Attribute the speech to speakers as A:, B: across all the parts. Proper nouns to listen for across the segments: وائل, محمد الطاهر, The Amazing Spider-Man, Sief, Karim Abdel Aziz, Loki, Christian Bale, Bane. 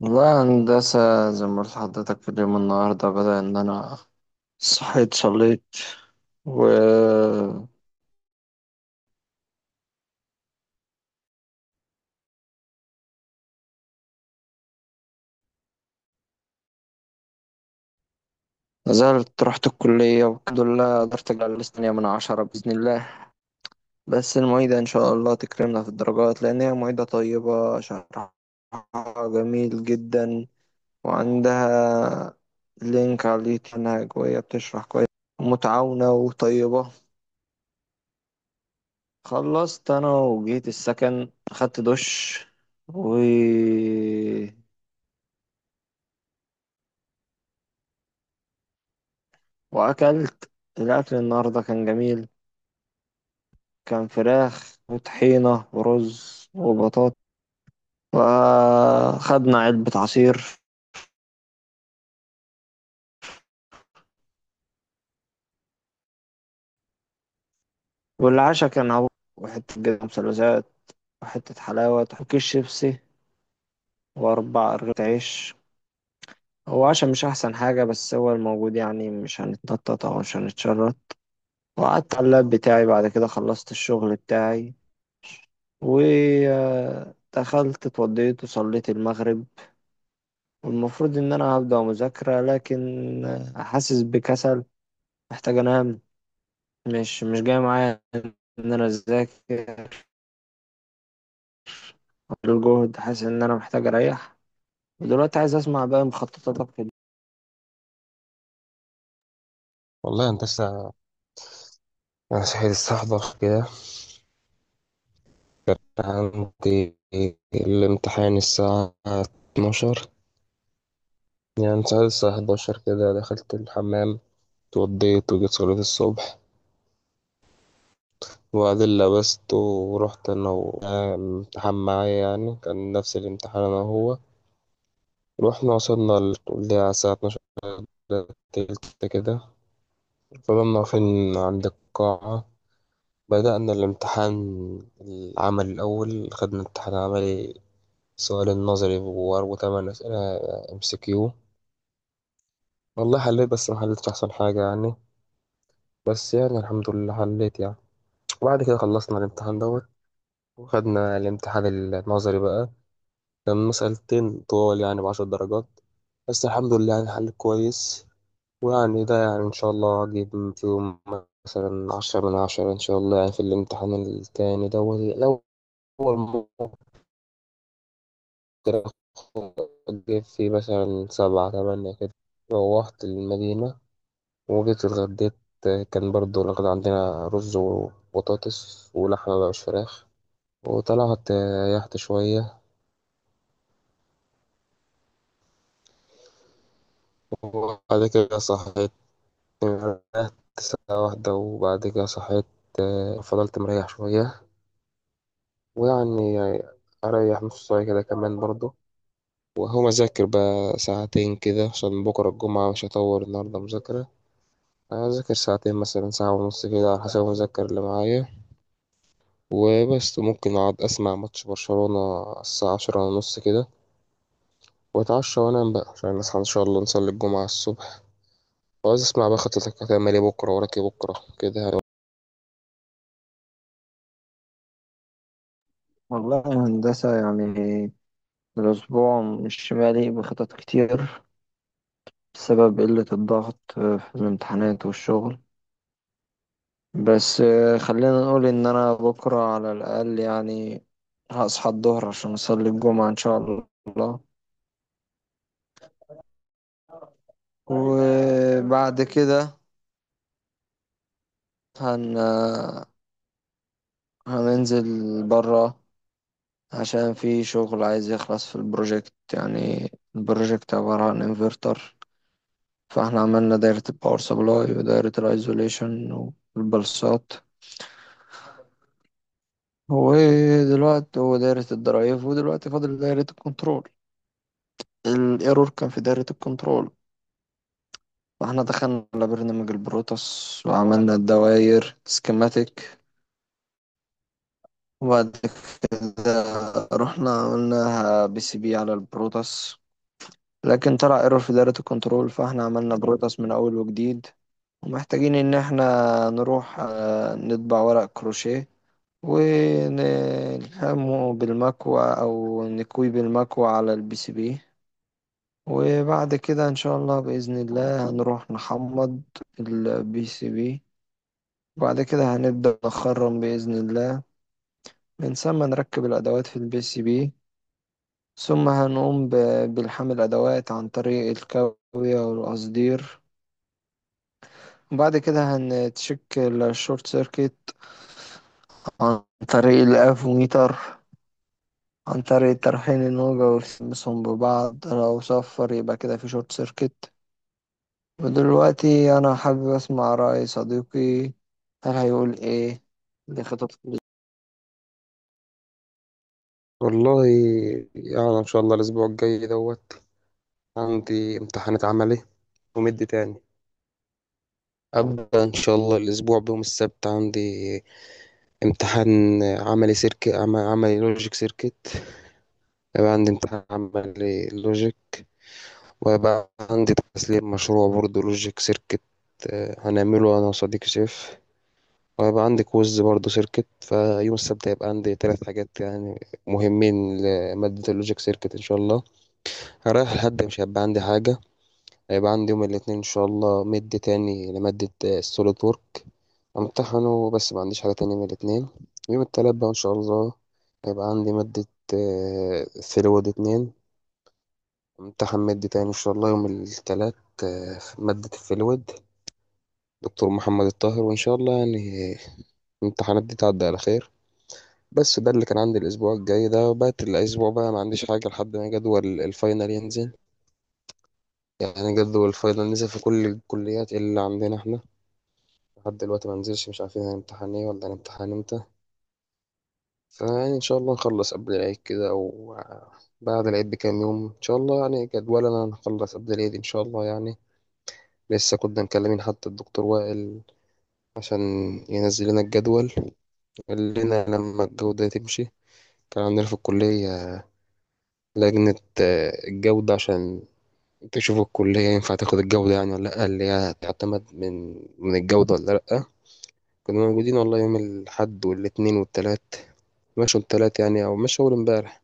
A: والله يا هندسة، زي ما قلت لحضرتك في اليوم. النهاردة بدأ إن أنا صحيت، صليت، ونزلت، رحت الكلية والحمد لله قدرت أجيب على تانية من 10 بإذن الله. بس المعيدة إن شاء الله تكرمنا في الدرجات، لأن هي معيدة طيبة، شرحها جميل جدا، وعندها لينك على اليوتيوب إنها جوية، بتشرح كويس ومتعاونة وطيبة. خلصت انا وجيت السكن، اخدت دش و... واكلت. الاكل النهارده كان جميل، كان فراخ وطحينه ورز وبطاطا، وخدنا علبه عصير. والعشاء كان عبوط وحته جبنه مثلثات وحته حلاوه وكيس شيبسي و4 رغيف عيش. هو عشاء مش احسن حاجه، بس هو الموجود، يعني مش هنتنطط او مش هنتشرط. وقعدت على اللاب بتاعي، بعد كده خلصت الشغل بتاعي، ودخلت اتوضيت وصليت المغرب. والمفروض ان انا هبدأ مذاكرة، لكن حاسس بكسل، محتاج انام. مش جاي معايا ان انا اذاكر، الجهد، حاسس ان انا محتاج اريح. ودلوقتي عايز اسمع بقى مخططاتك في-
B: والله يا هندسة، أنا صحيت الساعة 11 كده. عندي الامتحان الساعة 12. يعني صحيت الساعة 11 كده، دخلت الحمام، اتوضيت وجيت صلاة الصبح، وبعدين لبست ورحت. أنا والامتحان معايا، يعني كان نفس الامتحان أنا وهو. رحنا وصلنا الكلية على الساعة 12 تلت كده، فضلنا واقفين عند القاعة، بدأنا الامتحان. العمل الأول خدنا امتحان عملي، السؤال النظري وأربع تمن أسئلة ام سي كيو. والله حليت بس ما حليتش أحسن حاجة يعني، بس يعني الحمد لله حليت يعني. وبعد كده خلصنا الامتحان دوت، وخدنا الامتحان النظري بقى. كان مسألتين طوال يعني بعشر درجات، بس الحمد لله يعني حليت كويس، ويعني ده يعني إن شاء الله أجيب فيهم مثلا عشرة من عشرة إن شاء الله، يعني في الامتحان التاني دوت الأول كده جيت فيه مثلا سبعة تمانية كده. روحت المدينة وجيت اتغديت، كان برضو الغدا عندنا رز وبطاطس ولحمة بقى مش فراخ. وطلعت ريحت شوية، وبعد كده صحيت. ريحت ساعة واحدة وبعد كده صحيت، فضلت مريح شوية، ويعني أريح نص ساعة كده كمان برضو. وهو مذاكر بقى ساعتين كده عشان بكرة الجمعة مش هطور النهاردة مذاكرة. أنا أذاكر ساعتين مثلا ساعة ونص كده، على حسب المذاكر اللي معايا. وبس ممكن أقعد أسمع ماتش برشلونة الساعة عشرة ونص كده، وأتعشى وأنام بقى عشان نصحى إن شاء الله نصلي الجمعة الصبح. وعايز أسمع بقى خطتك هتعمل إيه بكرة، وراك إيه بكرة كده يعني.
A: والله يا هندسة، يعني الأسبوع مش مالي بخطط كتير بسبب قلة الضغط في الامتحانات والشغل. بس خلينا نقول ان انا بكرة على الاقل، يعني هصحى الظهر عشان اصلي الجمعة ان شاء الله. وبعد كده هن آه، هننزل برا، عشان في شغل عايز يخلص في البروجكت، يعني البروجكت عبارة عن انفرتر. فاحنا عملنا دايرة الباور سبلاي ودايرة الايزوليشن والبلصات، ودلوقتي ودايرة الدرايف، ودلوقتي فاضل دايرة الكنترول. الايرور كان في دايرة الكنترول، فاحنا دخلنا على برنامج البروتوس وعملنا الدوائر سكيماتيك، وبعد كده رحنا عملنا بي سي بي على البروتوس. لكن طلع ايرور في دايرة الكنترول، فاحنا عملنا بروتوس من اول وجديد. ومحتاجين ان احنا نروح نطبع ورق كروشيه ونلحمه بالمكوى او نكويه بالمكوى على البي سي بي. وبعد كده ان شاء الله باذن الله هنروح نحمض البي سي بي، وبعد كده هنبدأ نخرم بإذن الله، من ثم نركب الأدوات في البي سي بي. ثم بالحمل الأدوات عن طريق الكاوية والقصدير. وبعد كده هنتشك الشورت سيركت عن طريق الأفوميتر، عن طريق ترحيل الموجة وتلمسهم ببعض، لو صفر يبقى كده في شورت سيركت. ودلوقتي أنا حابب أسمع رأي صديقي، هل هيقول إيه لخطط
B: والله يعني إن شاء الله الأسبوع الجاي دوت عندي امتحانات عملي ومد تاني. أبدأ إن شاء الله الأسبوع بيوم السبت، عندي امتحان عملي سيركت، عملي لوجيك سيركت. يبقى عندي امتحان عملي لوجيك، وبقى عندي تسليم مشروع برضه لوجيك سيركت، هنعمله أنا وصديقي سيف. وهيبقى عندي كويز برضه سيركت، فيوم السبت هيبقى عندي تلات حاجات يعني مهمين لمادة اللوجيك سيركت إن شاء الله. رايح الحد مش هيبقى عندي حاجة، هيبقى عندي يوم الاثنين إن شاء الله مد تاني لمادة السوليد وورك، امتحنه بس ما عنديش حاجة تانية من الاثنين. يوم التلات بقى إن شاء الله هيبقى عندي مادة فلويد اتنين، امتحان مادة تاني إن شاء الله يوم التلات، في مادة الفلويد دكتور محمد الطاهر. وإن شاء الله يعني الامتحانات دي تعدي على خير. بس ده اللي كان عندي الأسبوع الجاي، ده بقت الأسبوع بقى ما عنديش حاجة لحد ما جدول الفاينل ينزل. يعني جدول الفاينل نزل في كل الكليات اللي عندنا احنا، لحد دلوقتي ما نزلش، مش عارفين هنمتحن ايه ولا هنمتحن امتى. فيعني إن شاء الله نخلص قبل العيد كده، أو بعد العيد بكام يوم، إن شاء الله يعني جدولنا نخلص قبل العيد إن شاء الله يعني. لسه كنا مكلمين حتى الدكتور وائل عشان ينزل لنا الجدول، قال لنا لما الجودة تمشي. كان عندنا في الكلية لجنة، الجودة، عشان تشوف الكلية ينفع تاخد الجودة يعني ولا لأ، اللي هي تعتمد من الجودة ولا لأ. كنا موجودين والله يوم الأحد والاتنين والتلات، مشوا التلات يعني أو مشوا أول امبارح.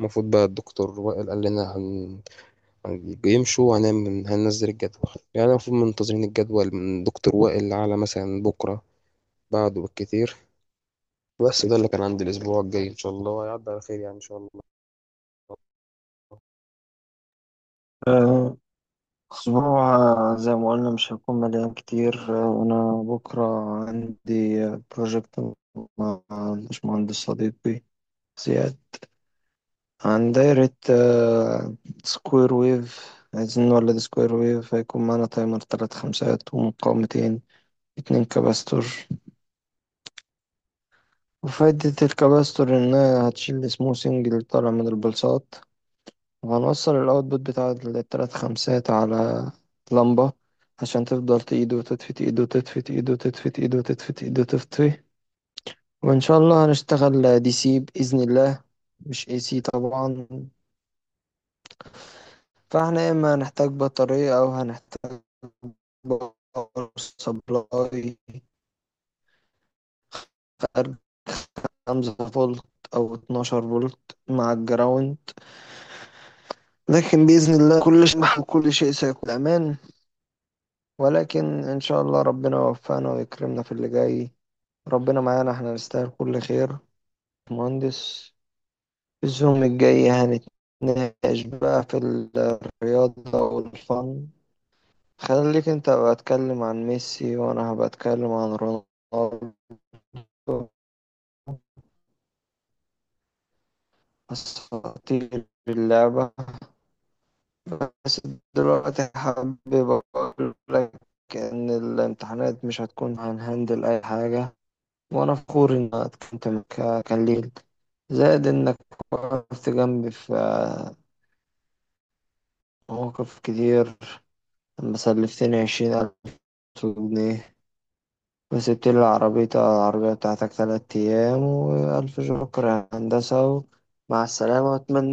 B: المفروض بقى الدكتور وائل قال لنا يمشوا وهنعمل هننزل الجدول. يعني المفروض منتظرين الجدول من دكتور وائل على مثلا بكرة، بعده بالكتير. بس ده اللي كان عندي الأسبوع الجاي، إن شاء الله هيعدي على خير يعني إن شاء الله
A: أسبوع. زي ما قلنا مش هيكون مليان كتير. أنا بكرة عندي بروجكت مع الباشمهندس صديقي زياد عن دايرة سكوير ويف، عايزين نولد سكوير ويف. هيكون معانا تايمر تلات خمسات ومقاومتين اتنين كباستور. وفايدة الكباستور إنها هتشيل السموثنج اللي طالع من البلصات. وهنوصل الاوتبوت بتاع التلات خمسات على لمبة، عشان تفضل تقيد وتطفي ايد، وتطفي ايد، وتطفي ايد، وتطفي ايد، وتطفي. وان شاء الله هنشتغل دي سي بإذن الله، مش اي سي طبعا. فاحنا يا اما هنحتاج بطارية او هنحتاج باور سبلاي، فأرجع 5 فولت أو 12 فولت مع الجراوند. لكن بإذن الله كل شيء وكل شيء سيكون أمان، ولكن إن شاء الله ربنا يوفقنا ويكرمنا في اللي جاي. ربنا معانا، احنا نستاهل كل خير. مهندس، الزوم الجاي هنتناقش بقى في الرياضة والفن. خليك انت بقى اتكلم عن ميسي، وانا هبقى اتكلم عن رونالدو، اساطير اللعبة. بس دلوقتي حابب اقول لك ان الامتحانات مش هتكون، هنهندل اي حاجة. وانا فخور ان أنا اتكلمت معاك، كان ليل، زائد انك وقفت جنبي في مواقف كتير، لما سلفتني 20,000 جنيه، وسبت لي العربية بتاعتك 3 أيام. وألف شكر يا هندسة، ومع السلامة، وأتمنى